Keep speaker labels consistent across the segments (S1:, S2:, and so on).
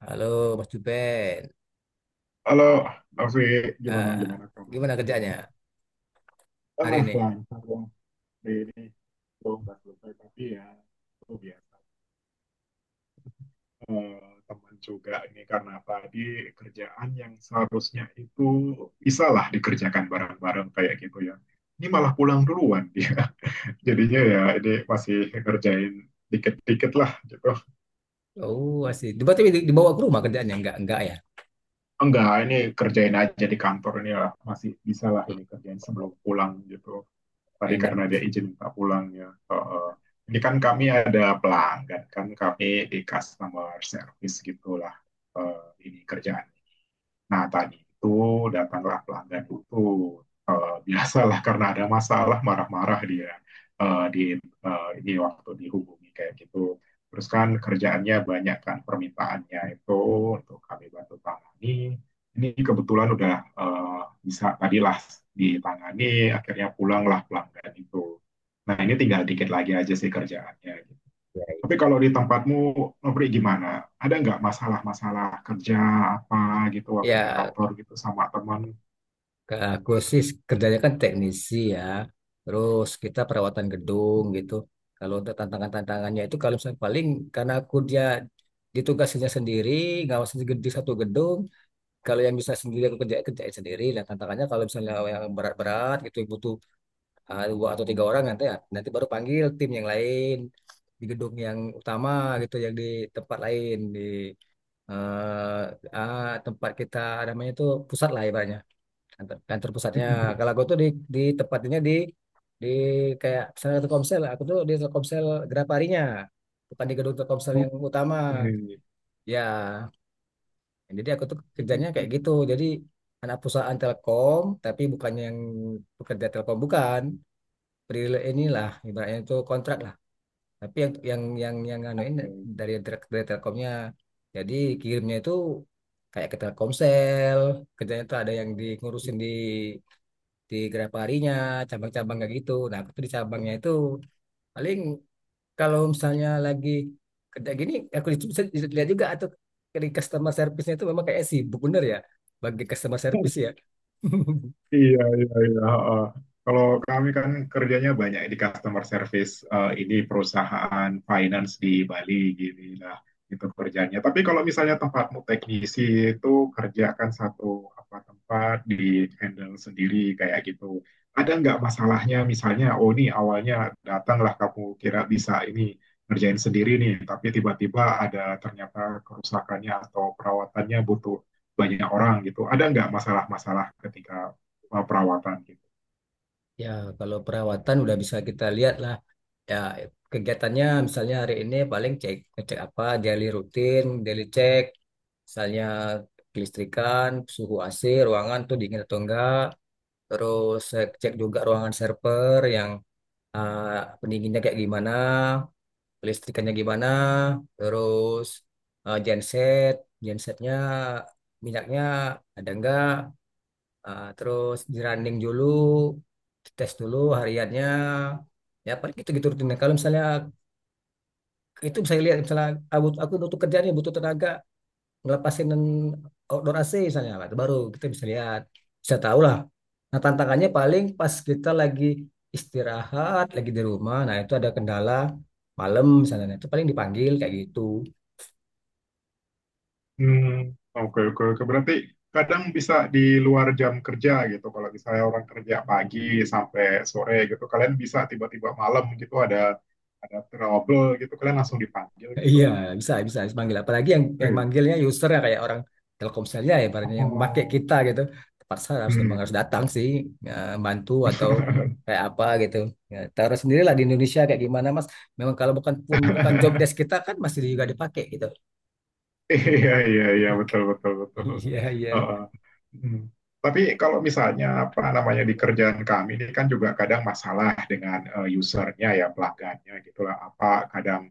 S1: Halo, Mas Juben,
S2: Halo, Novi, gimana
S1: Ah,
S2: gimana kabarnya?
S1: gimana
S2: Iya.
S1: kerjanya
S2: Ah,
S1: hari ini?
S2: lancar dong. Ini belum nggak selesai tapi ya itu biasa. Eh, Teman juga ini karena tadi kerjaan yang seharusnya itu bisa lah dikerjakan bareng-bareng kayak gitu ya. Ini malah pulang duluan dia. Jadinya ya ini masih ngerjain dikit-dikit lah gitu.
S1: Oh, asik. Berarti dibawa ke rumah kerjanya? Enggak, ya?
S2: Enggak, ini kerjain aja di kantor ini lah. Masih bisa lah ini kerjain sebelum pulang gitu. Tadi
S1: Enak,
S2: karena dia izin minta pulang ya. Heeh. Ini kan kami ada pelanggan kan kami di customer service gitulah, eh, ini kerjaan. Nah, tadi itu datanglah pelanggan itu, biasalah, karena ada masalah marah-marah dia, eh, di ini waktu dihubungi kayak gitu. Terus kan kerjaannya banyak, kan permintaannya itu untuk kami bantu tangani. Ini kebetulan udah, eh, bisa tadilah ditangani, akhirnya pulanglah pelanggan itu. Nah, ini tinggal dikit lagi aja sih kerjaannya, gitu.
S1: ya.
S2: Tapi kalau di tempatmu, Nobri, gimana? Ada nggak masalah-masalah kerja apa gitu waktu di
S1: Ya,
S2: kantor gitu sama teman?
S1: aku sih kerjanya kan teknisi, ya. Terus kita perawatan gedung gitu. Kalau untuk tantangan-tantangannya itu kalau misalnya paling karena aku dia ditugasinya sendiri, ngawasin di satu gedung. Kalau yang bisa sendiri aku kerjain sendiri. Dan tantangannya kalau misalnya yang berat-berat gitu butuh dua atau tiga orang nanti nanti baru panggil tim yang lain di gedung yang utama, gitu yang di tempat lain di tempat kita, namanya itu pusat lah ibaratnya, kantor, kantor pusatnya. Kalau aku tuh di tempatnya, di kayak misalnya Telkomsel, aku tuh di Telkomsel Graparinya, bukan di gedung Telkomsel yang utama,
S2: Oke.
S1: ya. Jadi aku tuh kerjanya kayak gitu, jadi anak perusahaan Telkom tapi bukan yang pekerja Telkom, bukan. Peril inilah ibaratnya, itu kontrak lah, tapi yang anuin
S2: Oke.
S1: dari Telkomnya. Jadi kirimnya itu kayak ke Telkomsel, kerjanya itu ada yang diurusin di Grab harinya, cabang-cabang kayak gitu. Nah aku tuh di cabangnya itu, paling kalau misalnya lagi kerja gini aku bisa lihat juga, atau dari customer service-nya itu memang kayak sibuk bener, ya, bagi customer service, ya.
S2: Iya, iya, iya. Heeh. Kalau kami kan kerjanya banyak di customer service, ini perusahaan finance di Bali gini lah itu kerjanya. Tapi kalau misalnya tempatmu teknisi itu kerjakan satu apa tempat di handle sendiri kayak gitu. Ada nggak masalahnya misalnya, oh ini awalnya datanglah kamu kira bisa ini ngerjain sendiri nih, tapi tiba-tiba ada ternyata kerusakannya atau perawatannya butuh banyak orang gitu. Ada nggak masalah-masalah ketika perawatan gitu.
S1: Ya, kalau perawatan udah bisa kita lihat lah. Ya, kegiatannya misalnya hari ini paling cek, ngecek apa daily rutin, daily check, misalnya kelistrikan, suhu AC, ruangan tuh dingin atau enggak, terus saya cek juga ruangan server yang pendinginnya kayak gimana, kelistrikannya gimana, terus eh, genset, gensetnya minyaknya ada enggak. Terus di running dulu, tes dulu hariannya, ya paling gitu-gitu rutinnya. Kalau misalnya itu bisa lihat, misalnya aku untuk kerja nih butuh tenaga ngelepasin outdoor AC misalnya. Nah, itu baru kita bisa lihat, bisa tahu lah. Nah tantangannya paling pas kita lagi istirahat lagi di rumah, nah itu ada kendala malam misalnya. Nah, itu paling dipanggil kayak gitu.
S2: Hmm, oke, oke, oke. Berarti kadang bisa di luar jam kerja gitu. Kalau misalnya orang kerja pagi sampai sore gitu, kalian bisa tiba-tiba malam gitu ada trouble gitu, kalian langsung dipanggil gitu.
S1: Iya, bisa manggil. Apalagi yang
S2: Eh,
S1: manggilnya user, ya, kayak orang Telkomselnya, ya, barangnya yang pakai
S2: oh,
S1: kita gitu. Terpaksa harus, memang
S2: hmm.
S1: harus datang sih, ya, bantu atau kayak apa gitu. Ya, taruh sendirilah di Indonesia kayak gimana, Mas. Memang kalau bukan pun bukan job desk kita kan masih juga dipakai gitu.
S2: Iya, iya, iya, betul, betul, betul.
S1: Iya, iya.
S2: Heeh. Hmm. Tapi kalau misalnya apa namanya di kerjaan kami ini kan juga kadang masalah dengan, usernya ya pelanggannya gitulah, apa kadang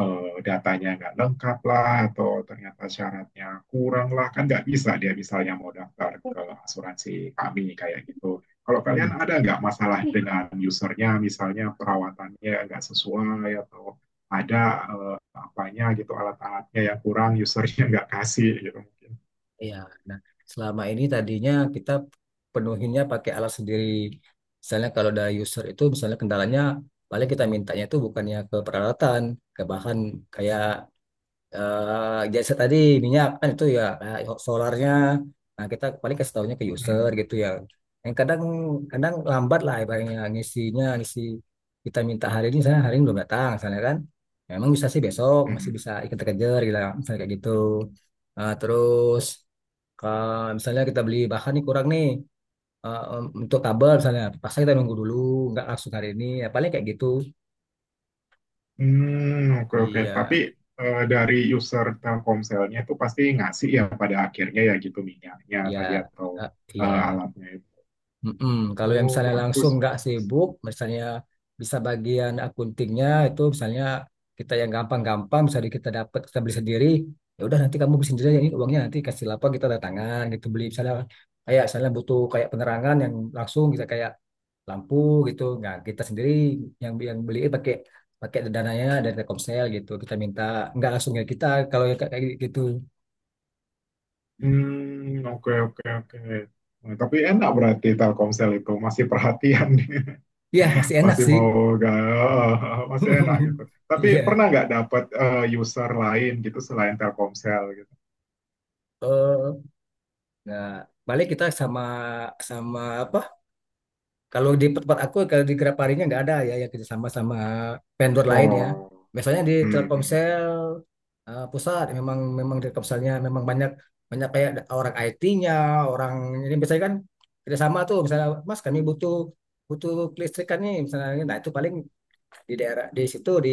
S2: datanya nggak lengkap lah, atau ternyata syaratnya kurang lah, kan nggak bisa dia misalnya mau daftar ke asuransi kami kayak gitu. Kalau kalian
S1: Hmm.
S2: ada nggak masalah dengan usernya, misalnya perawatannya nggak sesuai atau ada eh, apanya gitu, alat-alatnya yang kurang usernya nggak kasih gitu mungkin.
S1: Iya. Nah, selama ini tadinya kita penuhinnya pakai alat sendiri. Misalnya kalau ada user itu misalnya kendalanya, paling kita mintanya itu bukannya ke peralatan, ke bahan kayak jasa tadi, minyak kan itu, ya, kayak solarnya, nah kita paling kasih tahunya ke user,
S2: Hmm,
S1: gitu ya. Yang kadang kadang lambat lah ibaratnya ngisinya, ngisi kita minta hari ini misalnya, hari ini belum datang misalnya, kan memang bisa sih besok masih
S2: hmm.
S1: bisa kita kejar gitu misalnya, kayak gitu. Nah, terus ke misalnya kita beli bahan nih kurang nih, untuk kabel misalnya pasang, kita nunggu dulu, nggak langsung hari ini, ya paling kayak gitu.
S2: Hmm, oke oke tapi
S1: Iya,
S2: dari user Telkomselnya itu pasti ngasih ya pada akhirnya ya gitu, minyaknya
S1: iya,
S2: tadi atau
S1: eh, iya.
S2: alatnya itu.
S1: Mm-mm. Kalau yang
S2: Oh,
S1: misalnya langsung
S2: bagus
S1: nggak
S2: bagus.
S1: sibuk, misalnya bisa bagian akuntingnya itu, misalnya kita yang gampang-gampang, misalnya kita dapat, kita beli sendiri, ya udah nanti kamu beli sendiri aja, ini uangnya nanti kasih lapor, kita ada tangan gitu, beli misalnya kayak misalnya butuh kayak penerangan yang langsung kita kayak lampu gitu, nggak kita sendiri yang beli, pakai pakai dananya dari Telkomsel gitu, kita minta nggak langsung, ya kita kalau yang kayak kayak gitu,
S2: Hmm, oke oke oke. Nah, tapi enak berarti Telkomsel itu masih perhatian.
S1: ya masih enak
S2: Masih
S1: sih.
S2: mau gak? Masih enak gitu. Tapi
S1: Iya.
S2: pernah nggak dapat user lain gitu selain Telkomsel gitu?
S1: Nah, balik kita, sama sama apa? Kalau di tempat aku kalau di Graparinya nggak ada ya yang kerja sama sama vendor lain, ya.
S2: Oh.
S1: Biasanya di
S2: Hmm. Hmm, hmm.
S1: Telkomsel pusat, memang memang di Telkomselnya memang banyak banyak kayak ada orang IT-nya, orang ini biasanya kan kerja sama tuh, misalnya Mas kami butuh butuh kelistrikan nih misalnya, nah itu paling di daerah di situ di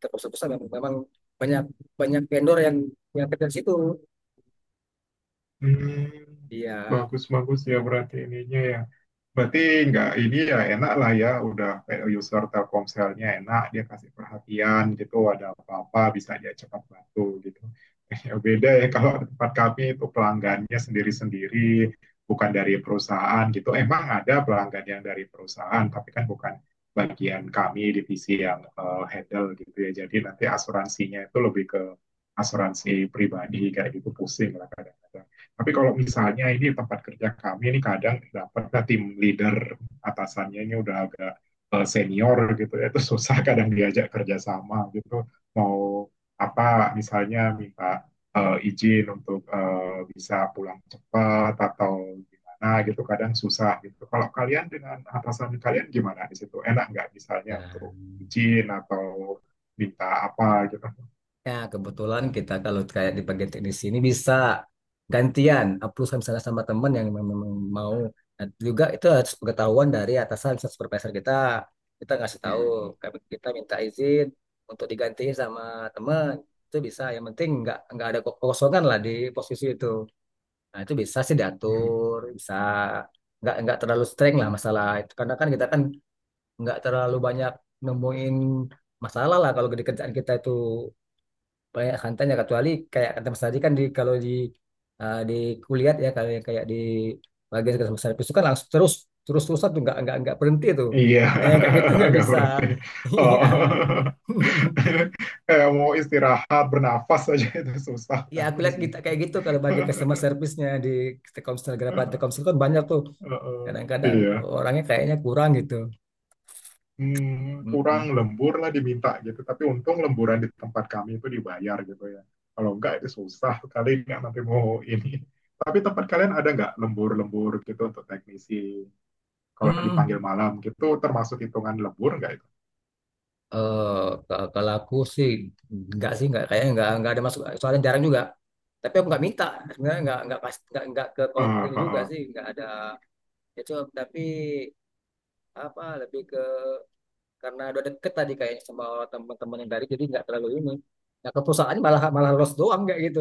S1: Telkomsel pusat memang, banyak banyak vendor yang kerja di situ.
S2: Hmm,
S1: Iya.
S2: bagus-bagus ya berarti ininya ya. Berarti nggak ini ya, enak lah ya, udah kayak user Telkomselnya enak, dia kasih perhatian gitu, ada apa-apa bisa dia cepat bantu gitu. Ya beda ya kalau tempat kami itu pelanggannya sendiri-sendiri, bukan dari perusahaan gitu. Emang ada pelanggan yang dari perusahaan, tapi kan bukan bagian kami, divisi yang handle gitu ya. Jadi nanti asuransinya itu lebih ke asuransi pribadi kayak gitu, pusing lah kadang-kadang. Tapi kalau misalnya ini tempat kerja kami ini kadang dapat nah, tim leader atasannya ini udah agak senior gitu ya, itu susah kadang diajak kerjasama gitu. Mau apa misalnya minta izin untuk bisa pulang cepat atau gimana gitu, kadang susah gitu. Kalau kalian dengan atasan kalian gimana di situ? Enak nggak misalnya
S1: Nah.
S2: untuk izin atau minta apa gitu?
S1: Ya, kebetulan kita kalau kayak di bagian teknis ini bisa gantian upload misalnya sama teman yang memang memang mau. Nah, juga itu harus pengetahuan dari atasan, misalnya supervisor kita kita ngasih tahu, kami kita minta izin untuk digantiin sama teman, itu bisa, yang penting nggak ada kekosongan lah di posisi itu. Nah itu bisa sih
S2: Hmm.
S1: diatur, bisa, nggak terlalu streng lah masalah itu karena kan kita kan nggak terlalu banyak nemuin masalah lah kalau di kerjaan kita itu, banyak santannya, kecuali kayak kata Mas tadi kan, di kalau di di kuliah, ya, kalau yang kayak di bagian kerja Mas Hafiz itu kan langsung terus terus terus tuh, nggak berhenti tuh.
S2: Iya,
S1: Nah yang kayak gitu nggak
S2: nggak
S1: bisa.
S2: berhenti.
S1: Iya.
S2: Oh. Kayak mau istirahat, bernafas aja itu susah
S1: Ya,
S2: kan
S1: aku
S2: di
S1: lihat
S2: sini.
S1: kita kayak gitu, kalau bagi customer service-nya di Telkomsel, Grab Telkomsel kan banyak tuh.
S2: Heeh.
S1: Kadang-kadang
S2: Iya.
S1: orangnya kayaknya kurang gitu.
S2: Hmm, kurang
S1: Mm-mm.
S2: lembur lah diminta gitu. Tapi untung lemburan di tempat kami itu dibayar gitu ya. Kalau enggak itu susah kali, nggak nanti mau ini. Tapi tempat kalian ada nggak lembur-lembur gitu untuk teknisi? Kalau dipanggil
S1: Hmm.
S2: malam gitu termasuk hitungan lembur nggak itu?
S1: eh kalau aku sih nggak sih nggak, kayaknya nggak ada masuk soalnya jarang juga, tapi aku nggak minta, sebenarnya nggak pas, nggak ke konflik
S2: Ah, ah,
S1: juga
S2: ah.
S1: sih, nggak ada itu, tapi apa, lebih ke karena udah deket tadi kayaknya sama teman-teman yang dari, jadi nggak terlalu ini. Nah ke perusahaan malah malah los doang kayak gitu,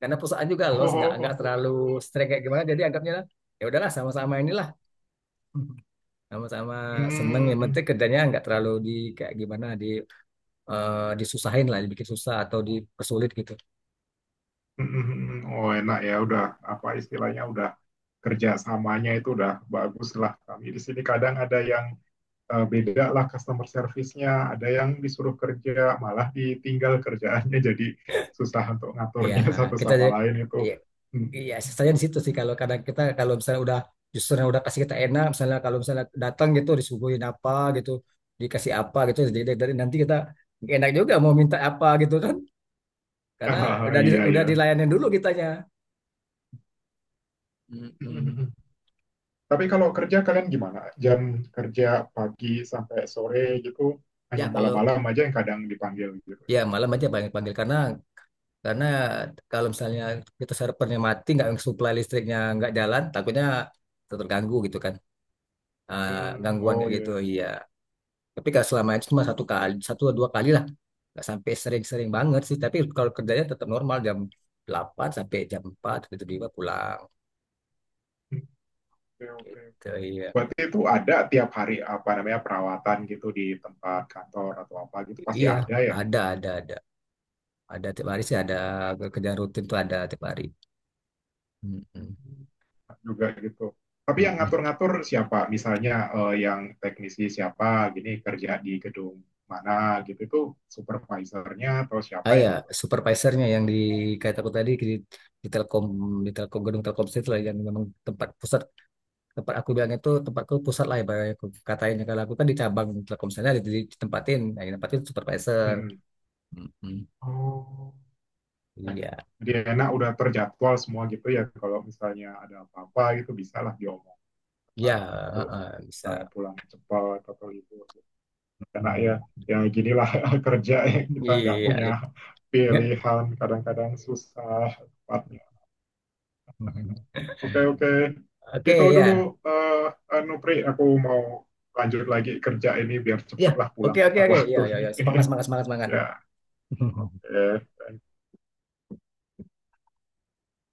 S1: karena perusahaan juga los, nggak
S2: Oh,
S1: terlalu streng kayak gimana, jadi anggapnya ya udahlah sama-sama inilah. sama-sama seneng, yang
S2: hmm.
S1: penting kerjanya nggak terlalu di kayak gimana, disusahin lah, dibikin susah atau dipersulit gitu.
S2: Oh, enak ya, udah apa istilahnya udah kerjasamanya itu udah bagus lah. Kami di sini kadang ada yang beda lah customer service-nya, ada yang disuruh kerja malah ditinggal kerjaannya, jadi susah untuk
S1: Ya,
S2: ngaturnya satu
S1: kita
S2: sama
S1: jadi
S2: lain itu.
S1: ya, iya saya di situ sih, kalau kadang kita kalau misalnya udah, justru yang udah kasih kita enak, misalnya kalau misalnya datang gitu disuguhin apa gitu, dikasih apa gitu, jadi dari nanti kita nggak enak juga mau minta apa gitu kan, karena
S2: Ah,
S1: udah
S2: iya
S1: udah
S2: ya.
S1: dilayanin dulu kitanya. Mm-mm.
S2: Tapi
S1: Iya.
S2: kalau kerja kalian gimana, jam kerja pagi sampai sore gitu,
S1: Ya
S2: hanya
S1: kalau
S2: malam-malam aja yang kadang dipanggil gitu?
S1: Ya malam aja banyak panggil, karena kalau misalnya kita servernya mati, nggak supply listriknya nggak jalan, takutnya terganggu gitu kan. eh,
S2: Hmm,
S1: Gangguan
S2: oh
S1: kayak
S2: iya
S1: gitu,
S2: iya.
S1: iya. Tapi kalau selama itu cuma satu kali, satu atau dua kali lah, nggak sampai sering-sering banget sih, tapi kalau kerjanya tetap normal jam 8 sampai jam 4, tiba-tiba pulang
S2: Oke oke.
S1: gitu. Iya,
S2: Berarti itu ada tiap hari apa namanya, perawatan gitu di tempat kantor atau apa gitu pasti
S1: iya,
S2: ada ya
S1: ada ada ada ada tiap hari sih, ada kerjaan rutin tuh ada tiap hari. Mm-mm.
S2: juga gitu. Tapi yang
S1: Mm-mm.
S2: ngatur-ngatur siapa? Misalnya yang teknisi siapa, gini kerja di gedung mana gitu, itu supervisornya atau siapa
S1: Ah
S2: yang
S1: ya,
S2: ngatur?
S1: supervisornya yang di kata aku tadi di Telkom, di Telkom gedung Telkomsel itu lah yang memang tempat pusat, tempat aku bilangnya tuh tempatku pusat lah ibaratnya, aku katanya kalau aku kan di cabang Telkomselnya ditempatin, nah, ditempatin supervisor.
S2: Mm-mm.
S1: Mm-mm.
S2: Oh.
S1: Iya.
S2: Jadi enak udah terjadwal semua gitu ya. Kalau misalnya ada apa-apa gitu bisalah diomongkan
S1: Iya.
S2: gitu.
S1: Heeh, bisa.
S2: Saya pulang cepat atau libur, karena ya
S1: Mm.
S2: ya ginilah kerja ya, kita nggak
S1: Iya,
S2: punya
S1: Lik. Nggak.
S2: pilihan, kadang-kadang susah tepatnya. Oke oke,
S1: oke,
S2: gitu dulu,
S1: ya,
S2: eh Nupri, aku mau lanjut lagi kerja ini biar
S1: ya.
S2: cepatlah
S1: Oke,
S2: pulang
S1: oke,
S2: tepat
S1: oke.
S2: waktu
S1: Ya, ya,
S2: ini.
S1: ya. Semangat, semangat, semangat, semangat.
S2: Ya, oke, thank you.